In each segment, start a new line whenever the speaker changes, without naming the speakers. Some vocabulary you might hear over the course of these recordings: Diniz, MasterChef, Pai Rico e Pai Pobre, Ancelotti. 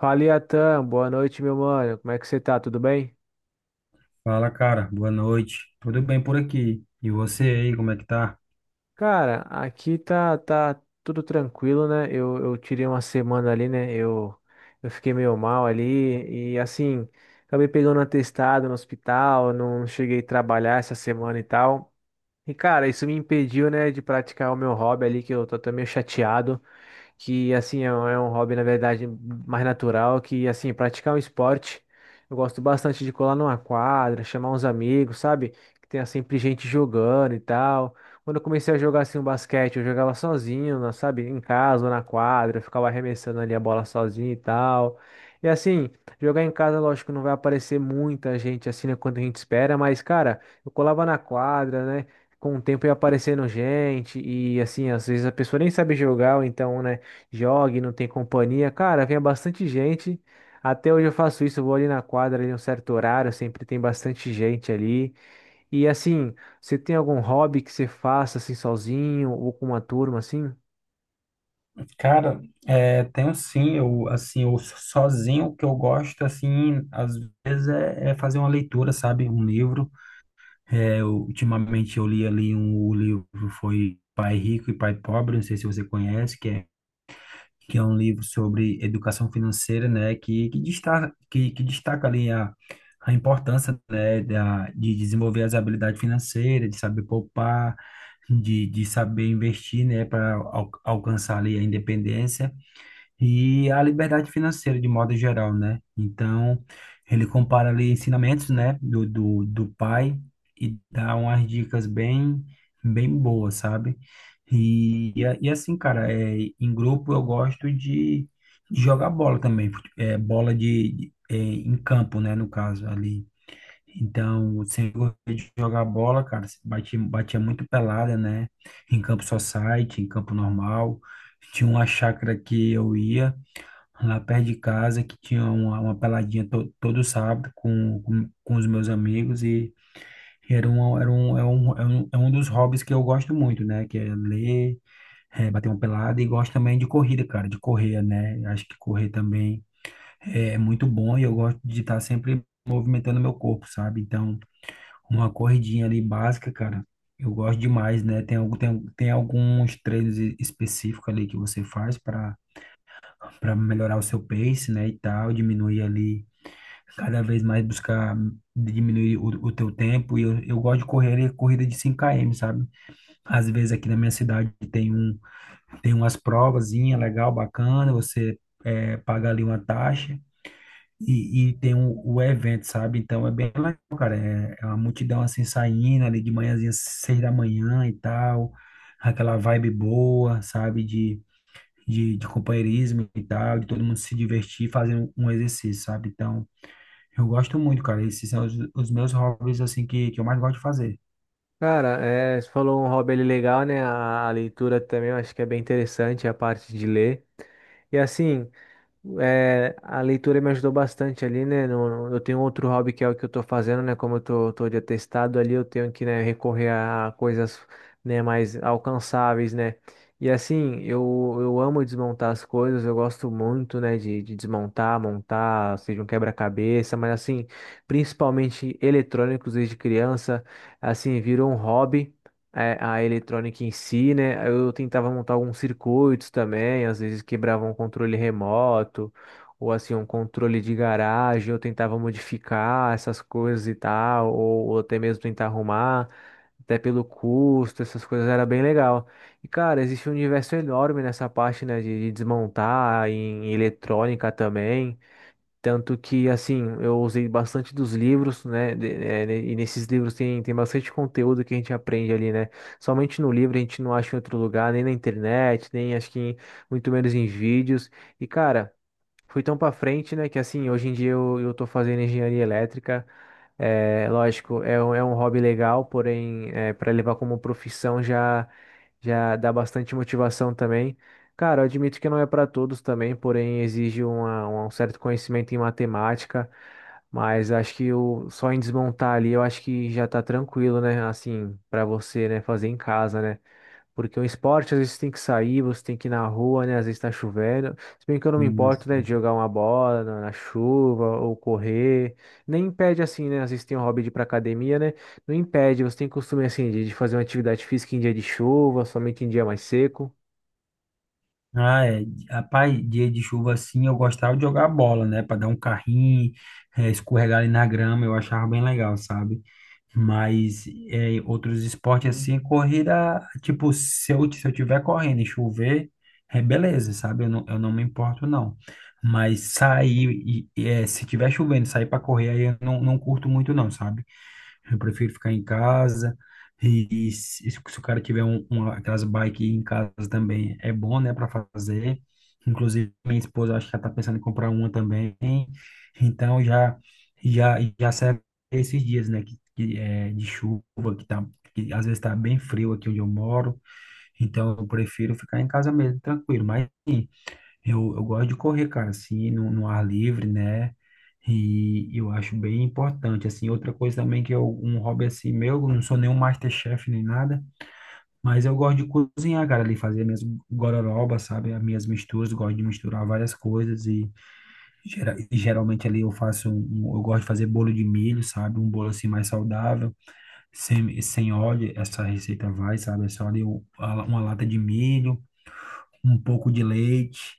Fala, Iatan. Boa noite, meu mano. Como é que você tá? Tudo bem?
Fala, cara. Boa noite. Tudo bem por aqui? E você aí, como é que tá?
Cara, aqui tá, tudo tranquilo, né? Eu tirei uma semana ali, né? Eu fiquei meio mal ali e, assim, acabei pegando um atestado no hospital, não cheguei a trabalhar essa semana e tal. E, cara, isso me impediu, né, de praticar o meu hobby ali, que eu tô até meio chateado. Que assim é um hobby, na verdade, mais natural, que assim praticar um esporte. Eu gosto bastante de colar numa quadra, chamar uns amigos, sabe? Que tenha sempre gente jogando e tal. Quando eu comecei a jogar assim o basquete, eu jogava sozinho, sabe? Em casa ou na quadra, eu ficava arremessando ali a bola sozinho e tal. E assim, jogar em casa, lógico, não vai aparecer muita gente assim, né, quanto a gente espera, mas cara, eu colava na quadra, né? Com o tempo ia aparecendo gente, e assim, às vezes a pessoa nem sabe jogar, ou então, né? Jogue, não tem companhia. Cara, vem bastante gente. Até hoje eu faço isso, eu vou ali na quadra em um certo horário, sempre tem bastante gente ali. E assim, você tem algum hobby que você faça assim sozinho ou com uma turma assim?
Cara, é, tenho sim, eu assim, eu sozinho o que eu gosto assim, às vezes é fazer uma leitura, sabe? Um livro. É, ultimamente eu li ali o livro foi Pai Rico e Pai Pobre, não sei se você conhece, que é um livro sobre educação financeira, né, que destaca ali a, importância, né, de desenvolver as habilidades financeiras, de saber poupar, de saber investir, né, para alcançar ali a independência. E a liberdade financeira, de modo geral, né? Então, ele compara ali ensinamentos, né, do pai e dá umas dicas bem, bem boas, sabe? E assim, cara, em grupo eu gosto de, jogar bola também, bola em campo, né, no caso, ali. Então, eu sempre gostei de jogar bola, cara, batia muito pelada, né? Em campo society, em campo normal. Tinha uma chácara que eu ia lá perto de casa, que tinha uma, peladinha todo sábado com os meus amigos e era um, é um, é um, é um dos hobbies que eu gosto muito, né? Que é ler, bater uma pelada e gosto também de corrida, cara, de correr, né? Acho que correr também é muito bom e eu gosto de estar sempre movimentando meu corpo, sabe? Então, uma corridinha ali básica, cara, eu gosto demais, né? Tem alguns treinos específicos ali que você faz para melhorar o seu pace, né, e tal, diminuir ali, cada vez mais buscar diminuir o teu tempo. E eu gosto de correr corrida de 5 km, sabe? Às vezes aqui na minha cidade tem umas provazinha legal, bacana, você é paga ali uma taxa. E tem o evento, sabe? Então é bem legal, cara. É uma multidão assim saindo ali de manhãzinha, 6 da manhã e tal. Aquela vibe boa, sabe? De companheirismo e tal, de todo mundo se divertir fazendo um exercício, sabe? Então, eu gosto muito, cara. Esses são os meus hobbies, assim, que eu mais gosto de fazer.
Cara, é, você falou um hobby ali legal, né? A leitura também eu acho que é bem interessante, a parte de ler. E assim, é, a leitura me ajudou bastante ali, né? Eu tenho outro hobby que é o que eu tô fazendo, né? Como eu tô, de atestado ali, eu tenho que, né, recorrer a coisas, né, mais alcançáveis, né? E assim, eu amo desmontar as coisas, eu gosto muito, né, de, desmontar, montar, seja um quebra-cabeça, mas assim, principalmente eletrônicos desde criança, assim, virou um hobby, é, a eletrônica em si, né? Eu tentava montar alguns circuitos também, às vezes quebrava um controle remoto, ou assim, um controle de garagem, eu tentava modificar essas coisas e tal, ou, até mesmo tentar arrumar, até pelo custo, essas coisas era bem legal. E cara, existe um universo enorme nessa parte, né, de, desmontar em eletrônica também. Tanto que, assim, eu usei bastante dos livros, né? Né, e nesses livros tem, bastante conteúdo que a gente aprende ali, né? Somente no livro a gente não acha em outro lugar, nem na internet, nem acho que muito menos em vídeos. E, cara, fui tão para frente, né, que assim, hoje em dia eu, tô fazendo engenharia elétrica. É, lógico, é, é um hobby legal, porém, para levar como profissão já dá bastante motivação também. Cara, eu admito que não é para todos também, porém exige um certo conhecimento em matemática, mas acho que o, só em desmontar ali, eu acho que já tá tranquilo, né? Assim, para você, né, fazer em casa, né? Porque o esporte às vezes tem que sair, você tem que ir na rua, né? Às vezes tá chovendo. Se bem que eu não me
Sim,
importo, né, de
assim.
jogar uma bola na, chuva ou correr. Nem impede, assim, né? Às vezes tem um hobby de ir pra academia, né? Não impede, você tem costume, assim, de, fazer uma atividade física em dia de chuva, somente em dia mais seco.
Ah, é. Rapaz, dia de chuva assim, eu gostava de jogar bola, né? Pra dar um carrinho, escorregar ali na grama, eu achava bem legal, sabe? Mas outros esportes assim, corrida, tipo, se eu tiver correndo e chover, é beleza, sabe? Eu não me importo, não. Mas sair, se tiver chovendo, sair pra correr, aí eu não curto muito, não, sabe? Eu prefiro ficar em casa. E se o cara tiver aquelas bike em casa também, é bom, né, para fazer. Inclusive, minha esposa acho que já está pensando em comprar uma também. Então, já já já serve esses dias, né, que é de chuva, que tá que às vezes está bem frio aqui onde eu moro. Então, eu prefiro ficar em casa mesmo, tranquilo. Mas sim, eu gosto de correr, cara, assim, no ar livre, né? E eu acho bem importante, assim. Outra coisa também que é um hobby assim meu, eu não sou nenhum MasterChef nem nada, mas eu gosto de cozinhar, cara, ali fazer minhas gororobas, sabe? As minhas misturas, gosto de misturar várias coisas e, e geralmente ali eu eu gosto de fazer bolo de milho, sabe? Um bolo assim mais saudável, sem óleo, essa receita vai, sabe? É só ali uma lata de milho um pouco de leite,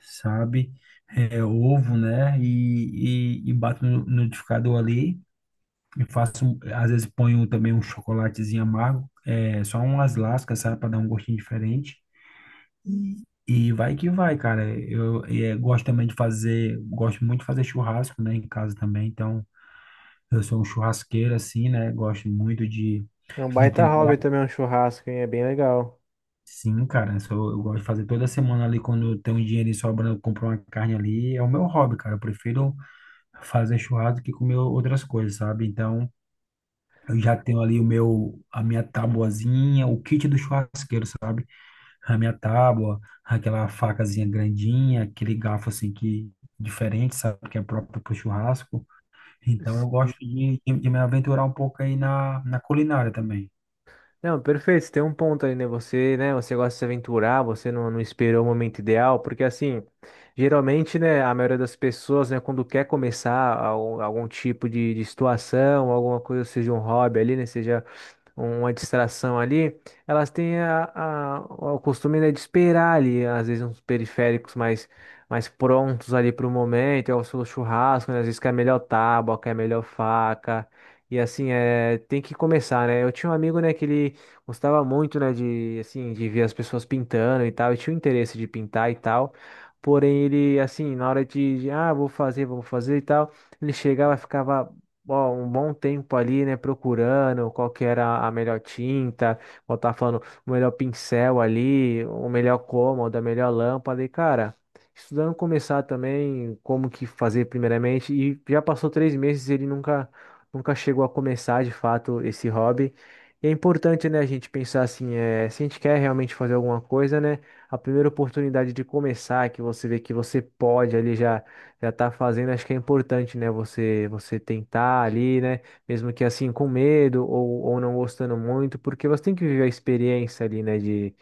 sabe? É, ovo, né? E bato no liquidificador ali. E faço, um, às vezes ponho também um chocolatezinho amargo, é, só umas lascas, sabe? Para dar um gostinho diferente. E vai que vai, cara. Eu, gosto também de fazer, gosto muito de fazer churrasco, né? Em casa também. Então, eu sou um churrasqueiro, assim, né? Gosto muito
É um
de
baita
temperar.
hobby também, um churrasco, hein? É bem legal.
Sim, cara, isso eu gosto de fazer toda semana ali, quando eu tenho um dinheirinho sobrando, eu compro uma carne ali, é o meu hobby, cara, eu prefiro fazer churrasco que comer outras coisas, sabe? Então, eu já tenho ali o meu, a minha tabuazinha, o kit do churrasqueiro, sabe? A minha tábua, aquela facazinha grandinha, aquele garfo assim que diferente, sabe? Que é próprio pro churrasco. Então, eu
Sim.
gosto de me aventurar um pouco aí na, na culinária também.
Não, perfeito, você tem um ponto aí, né? Você, né, você gosta de se aventurar, você não, não esperou o momento ideal, porque assim, geralmente, né, a maioria das pessoas, né, quando quer começar algum, algum tipo de, situação, alguma coisa, seja um hobby ali, né, seja uma distração ali, elas têm a, o costume, né, de esperar ali, às vezes, uns periféricos mais, prontos ali para o momento, é o seu churrasco, né, às vezes quer melhor tábua, quer melhor faca, e assim, é, tem que começar, né? Eu tinha um amigo, né, que ele gostava muito, né, de, assim, de ver as pessoas pintando e tal, e tinha o interesse de pintar e tal, porém, ele, assim, na hora de, ah, vou fazer, e tal, ele chegava, ficava bom um bom tempo ali, né, procurando qual que era a melhor tinta, ou tá falando o melhor pincel ali, o melhor cômodo, a melhor lâmpada, e cara, estudando começar também como que fazer primeiramente, e já passou três meses e ele nunca, chegou a começar de fato esse hobby. E é importante, né, a gente pensar assim, é, se a gente quer realmente fazer alguma coisa, né, a primeira oportunidade de começar, que você vê que você pode ali já tá fazendo, acho que é importante, né? Você tentar ali, né? Mesmo que assim com medo ou, não gostando muito, porque você tem que viver a experiência ali, né? De,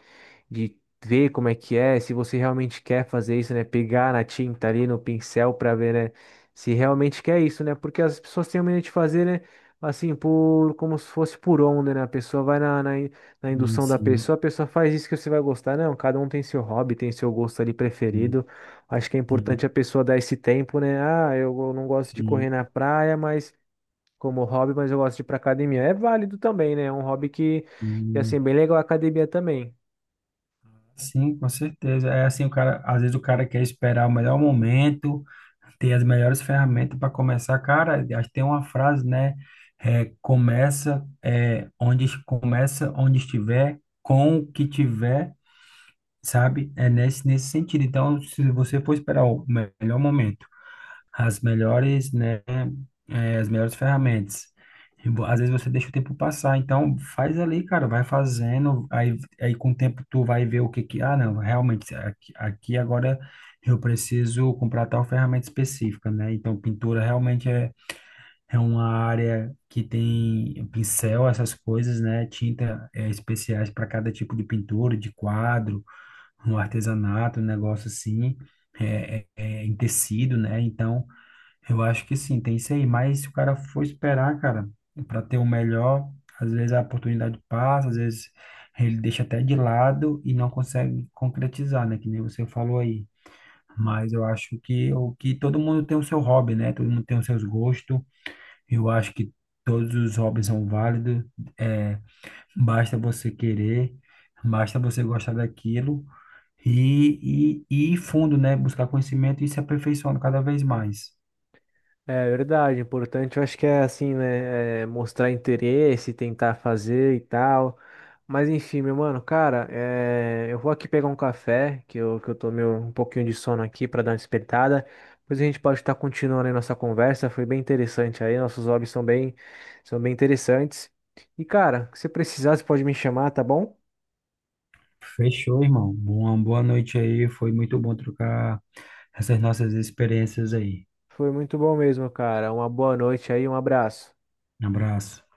de ver como é que é, se você realmente quer fazer isso, né? Pegar na tinta ali, no pincel para ver, né? Se realmente quer isso, né? Porque as pessoas têm medo de fazer, né? Assim, por como se fosse por onda, né? A pessoa vai na, na, na
Sim,
indução da
sim,
pessoa, a pessoa faz isso que você vai gostar. Não, cada um tem seu hobby, tem seu gosto ali
sim,
preferido. Acho que é importante
sim,
a pessoa dar esse tempo, né? Ah, não gosto de
sim,
correr na praia, mas como hobby, mas eu gosto de ir pra academia. É válido também, né? É um hobby que assim, é
sim,
bem legal a academia também.
sim. com certeza. É assim, o cara, às vezes o cara quer esperar o melhor momento, ter as melhores ferramentas para começar. Cara, acho que tem uma frase, né? Onde começa onde estiver, com o que tiver, sabe? É nesse, nesse sentido. Então, se você for esperar o melhor momento as melhores, né, as melhores ferramentas. E, às vezes você deixa o tempo passar, então faz ali, cara, vai fazendo, aí com o tempo tu vai ver o que que, ah, não, realmente, aqui agora eu preciso comprar tal ferramenta específica, né? Então pintura realmente é uma área que tem pincel, essas coisas, né? Tinta especiais para cada tipo de pintura, de quadro, um artesanato, um negócio assim, em tecido, né? Então eu acho que sim, tem isso aí. Mas se o cara for esperar, cara, para ter o melhor, às vezes a oportunidade passa, às vezes ele deixa até de lado e não consegue concretizar, né? Que nem você falou aí. Mas eu acho que o que todo mundo tem o seu hobby, né? Todo mundo tem os seus gostos. Eu acho que todos os hobbies são válidos. É, basta você querer, basta você gostar daquilo e ir fundo, né? Buscar conhecimento e se aperfeiçoando cada vez mais.
É verdade, importante, eu acho que é assim, né, é, mostrar interesse, tentar fazer e tal, mas enfim, meu mano, cara, é, eu vou aqui pegar um café, que eu tomei um pouquinho de sono aqui para dar uma despertada, depois a gente pode estar continuando aí nossa conversa, foi bem interessante aí, nossos hobbies são bem interessantes, e cara, se precisar, você pode me chamar, tá bom?
Fechou, irmão. Uma boa noite aí. Foi muito bom trocar essas nossas experiências aí.
Foi muito bom mesmo, cara, uma boa noite aí, um abraço.
Um abraço.